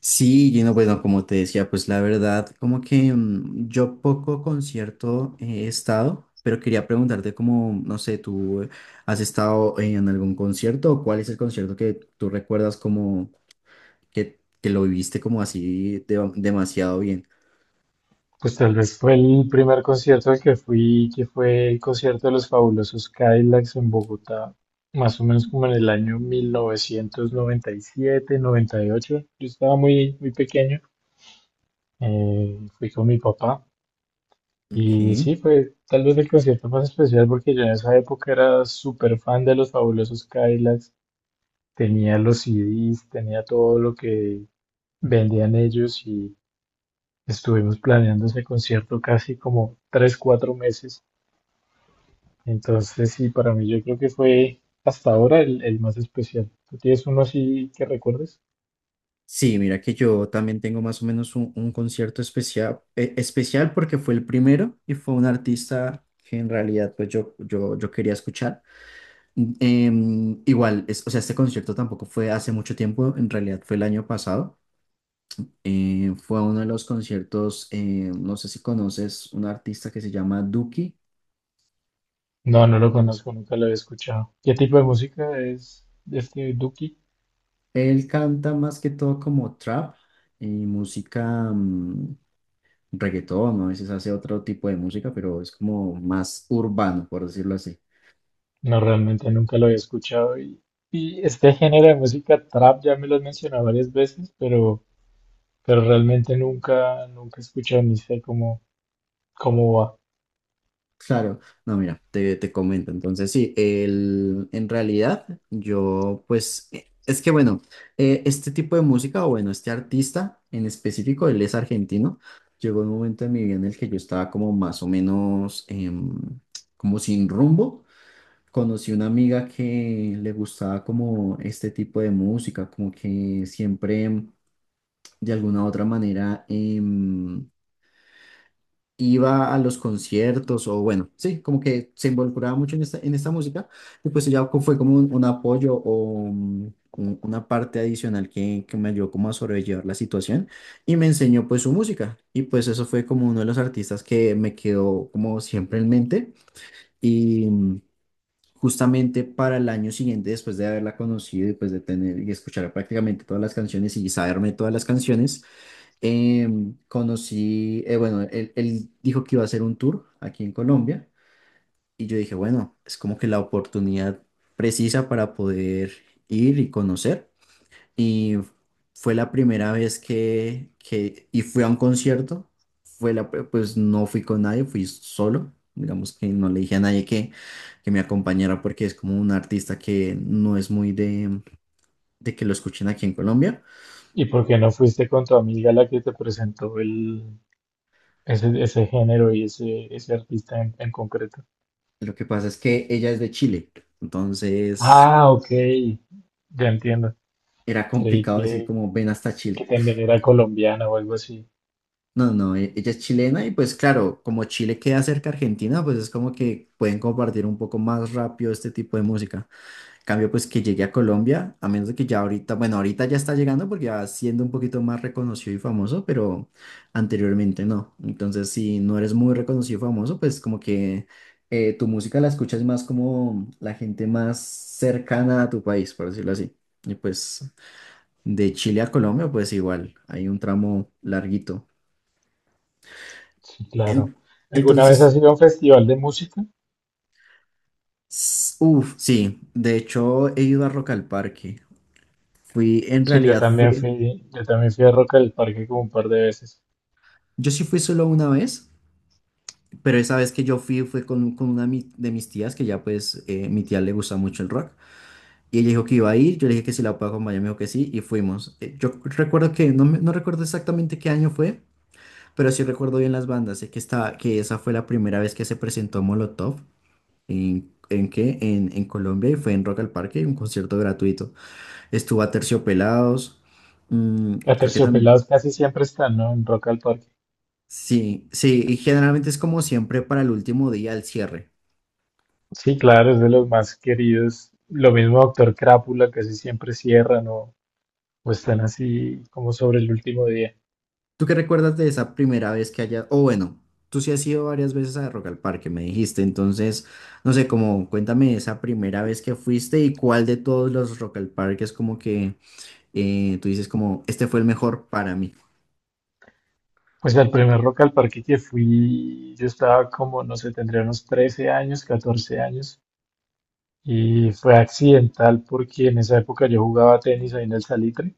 Sí, Gino, bueno, como te decía, pues la verdad, como que yo poco concierto he estado, pero quería preguntarte como, no sé, ¿tú has estado en algún concierto o cuál es el concierto que tú recuerdas como que lo viviste como así demasiado bien? Pues tal vez fue el primer concierto al que fui, que fue el concierto de los Fabulosos Cadillacs en Bogotá, más o menos como en el año 1997, 98. Yo estaba muy, muy pequeño, fui con mi papá y Ok. sí, fue tal vez el concierto más especial porque yo en esa época era súper fan de los Fabulosos Cadillacs, tenía los CDs, tenía todo lo que vendían ellos y estuvimos planeando ese concierto casi como 3 4 meses. Entonces, sí, para mí yo creo que fue hasta ahora el más especial. ¿Tú tienes uno así que recuerdes? Sí, mira que yo también tengo más o menos un concierto especial porque fue el primero y fue un artista que en realidad pues yo quería escuchar. Igual, o sea, este concierto tampoco fue hace mucho tiempo, en realidad fue el año pasado. Fue uno de los conciertos, no sé si conoces un artista que se llama Duki. No, no lo conozco, nunca lo había escuchado. ¿Qué tipo de música es este Duki? Él canta más que todo como trap y música reggaetón, ¿no? A veces hace otro tipo de música, pero es como más urbano, por decirlo así. No, realmente nunca lo había escuchado. Y este género de música trap ya me lo has mencionado varias veces, pero realmente nunca, nunca he escuchado ni sé cómo va. Claro, no, mira, te comento. Entonces, sí, en realidad yo, pues, es que bueno, este tipo de música, o bueno, este artista en específico, él es argentino. Llegó un momento en mi vida en el que yo estaba como más o menos, como sin rumbo. Conocí una amiga que le gustaba como este tipo de música, como que siempre, de alguna u otra manera, iba a los conciertos o bueno, sí, como que se involucraba mucho en esta música y pues ella fue como un apoyo o una parte adicional que me ayudó como a sobrellevar la situación y me enseñó pues su música y pues eso fue como uno de los artistas que me quedó como siempre en mente y justamente para el año siguiente después de haberla conocido y pues de tener y escuchar prácticamente todas las canciones y saberme todas las canciones. Conocí, bueno, él dijo que iba a hacer un tour aquí en Colombia y yo dije, bueno, es como que la oportunidad precisa para poder ir y conocer. Y fue la primera vez que y fui a un concierto, fue pues no fui con nadie, fui solo. Digamos que no le dije a nadie que, me acompañara porque es como un artista que no es muy de que lo escuchen aquí en Colombia. ¿Y por qué no fuiste con tu amiga la que te presentó ese género y ese artista en concreto? Lo que pasa es que ella es de Chile, entonces Ah, ok. Ya entiendo. era Creí complicado decir que, como ven hasta que Chile. también era colombiana o algo así. No, no, ella es chilena y pues claro, como Chile queda cerca a Argentina, pues es como que pueden compartir un poco más rápido este tipo de música. En cambio, pues que llegue a Colombia, a menos de que ya ahorita, bueno, ahorita ya está llegando porque ya siendo un poquito más reconocido y famoso, pero anteriormente no. Entonces, si no eres muy reconocido y famoso, pues como que tu música la escuchas más como la gente más cercana a tu país, por decirlo así. Y pues de Chile a Colombia, pues igual, hay un tramo larguito. Sí, claro. En- ¿Alguna vez entonces, has ido a un festival de música? uff, sí, de hecho he ido a Rock al Parque. Fui, en Sí, realidad fui, yo también fui a Rock al Parque como un par de veces. yo sí fui solo una vez, pero esa vez que yo fui fue con, una de mis tías, que ya pues mi tía le gusta mucho el rock. Y ella dijo que iba a ir, yo le dije que si la puedo acompañar, me dijo que sí, y fuimos. Yo recuerdo que, no, no recuerdo exactamente qué año fue, pero sí recuerdo bien las bandas, sé que, estaba, que esa fue la primera vez que se presentó Molotov. ¿En qué? En Colombia, y fue en Rock al Parque, un concierto gratuito. Estuvo a Terciopelados, creo que también. Aterciopelados casi siempre están, ¿no? En Rock al Parque. Sí, sí, y generalmente es como siempre para el último día, el cierre. Sí, claro, es de los más queridos. Lo mismo Doctor Crápula, casi siempre cierran o están así como sobre el último día. ¿Tú qué recuerdas de esa primera vez que hayas, o bueno, tú sí has ido varias veces a Rock al Parque, me dijiste, entonces, no sé, como cuéntame esa primera vez que fuiste y cuál de todos los Rock al Parque es como que tú dices como, este fue el mejor para mí? Pues al primer Rock al Parque que fui, yo estaba como, no sé, tendría unos 13 años, 14 años. Y fue accidental porque en esa época yo jugaba tenis ahí en el Salitre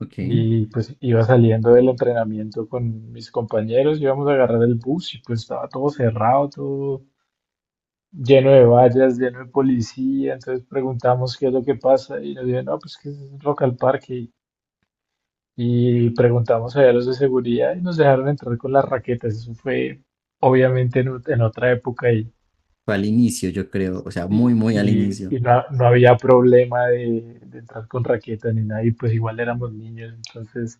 Ok. y pues iba saliendo del entrenamiento con mis compañeros, íbamos a agarrar el bus y pues estaba todo cerrado, todo lleno de vallas, lleno de policía, entonces preguntamos qué es lo que pasa y nos dijeron, no, pues que es local parque y preguntamos allá a los de seguridad y nos dejaron entrar con las raquetas, eso fue obviamente en otra época. Fue al inicio, yo creo, o sea, muy, Y, muy al y- inicio. y no, no había problema de entrar con raqueta ni nada, y pues igual éramos niños, entonces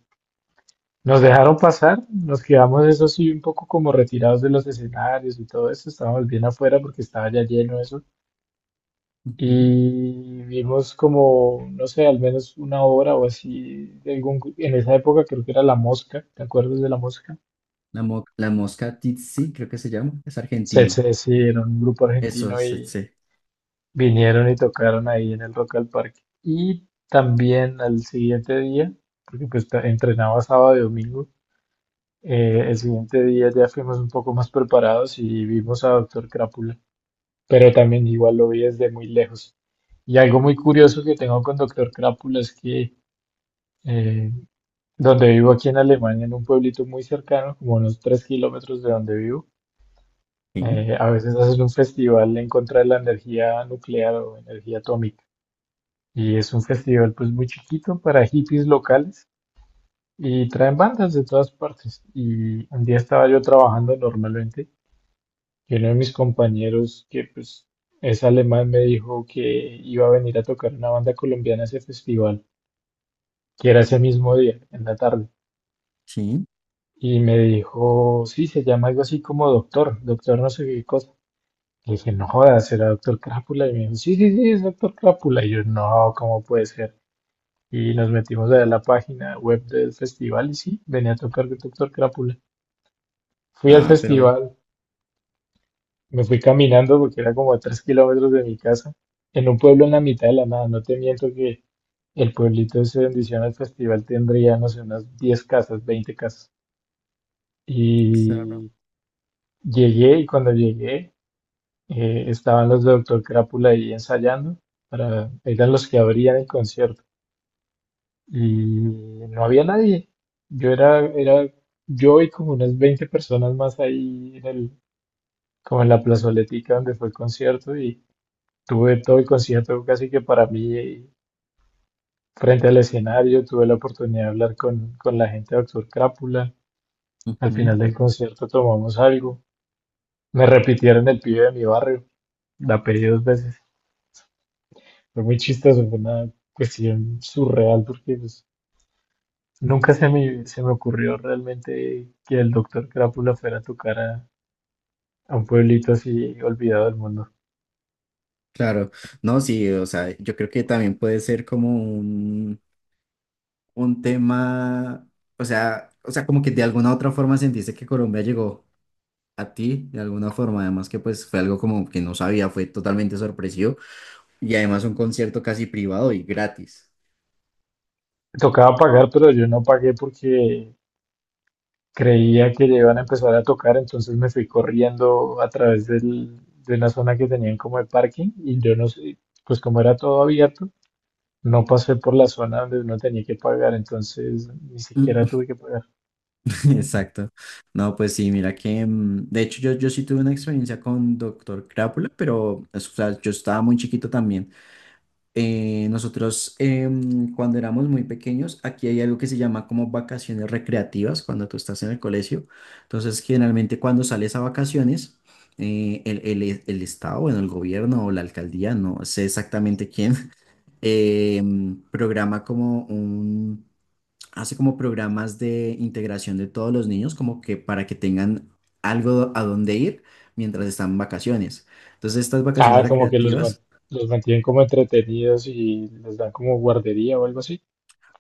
nos dejaron pasar, nos quedamos eso sí un poco como retirados de los escenarios y todo eso, estábamos bien afuera porque estaba ya lleno eso, Ujú. y vimos como, no sé, al menos una hora o así, de en esa época creo que era La Mosca. ¿Te acuerdas de La Mosca? La mosca tsetse, creo que se llama, es argentino. Sí, era un grupo Eso argentino. es tsetse. Vinieron y tocaron ahí en el Rock al Parque. Y también al siguiente día, porque pues entrenaba sábado y domingo, el siguiente día ya fuimos un poco más preparados y vimos a Doctor Crápula, pero también igual lo vi desde muy lejos. Y algo muy curioso que tengo con Doctor Crápula es que eh, donde vivo aquí en Alemania, en un pueblito muy cercano, como unos 3 kilómetros de donde vivo, Sí, a veces hacen un festival en contra de la energía nuclear o energía atómica. Y es un festival pues muy chiquito para hippies locales y traen bandas de todas partes. Y un día estaba yo trabajando normalmente y uno de mis compañeros que pues es alemán me dijo que iba a venir a tocar una banda colombiana a ese festival, que era ese mismo día, en la tarde. sí. Y me dijo, sí, se llama algo así como Doctor, Doctor no sé qué cosa. Le dije, no jodas, será Doctor Crápula. Y me dijo, sí, sí, sí, es Doctor Crápula. Y yo, no, ¿cómo puede ser? Y nos metimos a ver la página web del festival y sí, venía a tocar Doctor Crápula. Fui al Ah, pero festival, me fui caminando porque era como a 3 kilómetros de mi casa, en un pueblo en la mitad de la nada. No te miento que el pueblito ese donde hicieron el festival tendría, no sé, unas 10 casas, 20 casas. claro. Y llegué y cuando llegué estaban los de Doctor Crápula ahí ensayando, para, eran los que abrían el concierto. Y no había nadie. Yo era, yo y como unas 20 personas más ahí en el, como en la plazoletica donde fue el concierto y tuve todo el concierto casi que para mí frente al escenario, tuve la oportunidad de hablar con la gente de Doctor Crápula. Al Ujú. final del concierto tomamos algo. Me repitieron el pibe de mi barrio, la pedí dos veces. Fue muy chistoso, fue una cuestión surreal porque pues, nunca se me ocurrió realmente que el doctor Crápula fuera a tocar a, un pueblito así olvidado del mundo. Claro. No, sí, o sea, yo creo que también puede ser como un tema, o sea, como que de alguna otra forma sentiste que Colombia llegó a ti, de alguna forma, además que pues fue algo como que no sabía, fue totalmente sorpresivo y además un concierto casi privado y gratis. Tocaba pagar, pero yo no pagué porque creía que ya iban a empezar a tocar, entonces me fui corriendo a través de una zona que tenían como de parking y yo no sé, pues como era todo abierto, no pasé por la zona donde uno tenía que pagar, entonces ni siquiera tuve que pagar. Exacto. No, pues sí, mira que, de hecho yo sí tuve una experiencia con Doctor Crápula, pero o sea, yo estaba muy chiquito también. Nosotros cuando éramos muy pequeños, aquí hay algo que se llama como vacaciones recreativas cuando tú estás en el colegio. Entonces, generalmente cuando sales a vacaciones, el Estado, bueno, el gobierno o la alcaldía, no sé exactamente quién, em, programa como un hace como programas de integración de todos los niños, como que para que tengan algo a dónde ir mientras están en vacaciones. Entonces, estas vacaciones Ah, como que recreativas. los mantienen como entretenidos y les dan como guardería o algo así.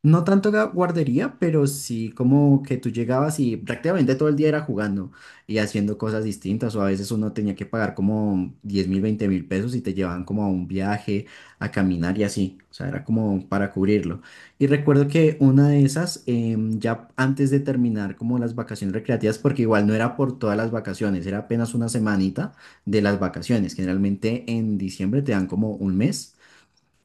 No tanto guardería, pero sí como que tú llegabas y prácticamente todo el día era jugando y haciendo cosas distintas o a veces uno tenía que pagar como 10.000, 20.000 pesos y te llevaban como a un viaje, a caminar y así, o sea, era como para cubrirlo. Y recuerdo que una de esas, ya antes de terminar como las vacaciones recreativas, porque igual no era por todas las vacaciones, era apenas una semanita de las vacaciones, generalmente en diciembre te dan como un mes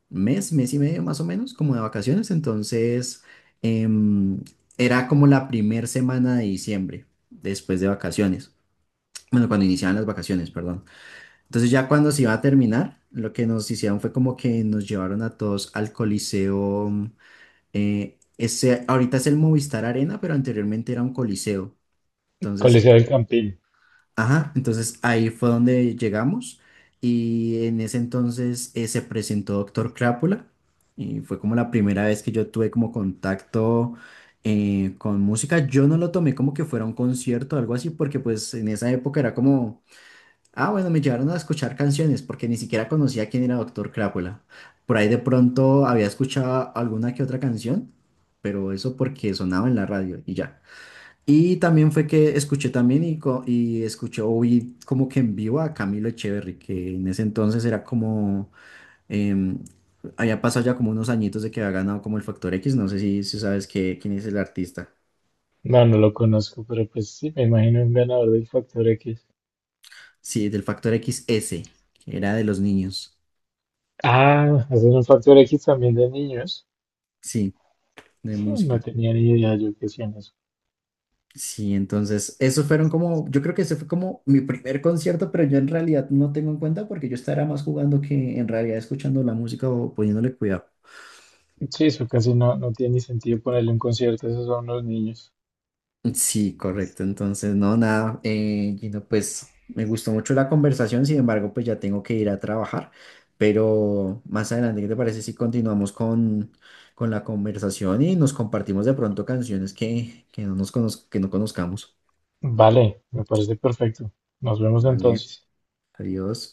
mes, mes y medio más o menos, como de vacaciones. Entonces, em, era como la primer semana de diciembre, después de vacaciones. Bueno, cuando iniciaban las vacaciones, perdón. Entonces, ya cuando se iba a terminar, lo que nos hicieron fue como que nos llevaron a todos al Coliseo. Ahorita es el Movistar Arena, pero anteriormente era un Coliseo. Entonces. Coliseo del Campín. Ajá, entonces ahí fue donde llegamos y en ese entonces se presentó Doctor Crápula y fue como la primera vez que yo tuve como contacto con música. Yo no lo tomé como que fuera un concierto o algo así porque pues en esa época era como, ah bueno, me llevaron a escuchar canciones porque ni siquiera conocía quién era Doctor Crápula. Por ahí de pronto había escuchado alguna que otra canción, pero eso porque sonaba en la radio y ya. Y también fue que escuché también y, y escuché o vi como que en vivo a Camilo Echeverry, que en ese entonces era como, em, había pasado ya como unos añitos de que había ganado como el Factor X, no sé si, sabes quién es el artista. No, no lo conozco, pero pues sí, me imagino un ganador del Factor X. Sí, del Factor X XS, que era de los niños, Ah, hacen un Factor X también de niños. sí, de Sí, no música. tenía ni idea yo que hacían eso. Sí, entonces, esos fueron como, yo creo que ese fue como mi primer concierto, pero yo en realidad no tengo en cuenta porque yo estaba más jugando que en realidad escuchando la música o poniéndole cuidado. Sí, eso casi no, no tiene ni sentido ponerle un concierto a esos a unos niños. Sí, correcto. Entonces, no, nada, Gino, pues me gustó mucho la conversación, sin embargo, pues ya tengo que ir a trabajar, pero más adelante, ¿qué te parece si continuamos con, la conversación y nos compartimos de pronto canciones que que no conozcamos? Vale, me parece perfecto. Nos vemos Vale, entonces. adiós.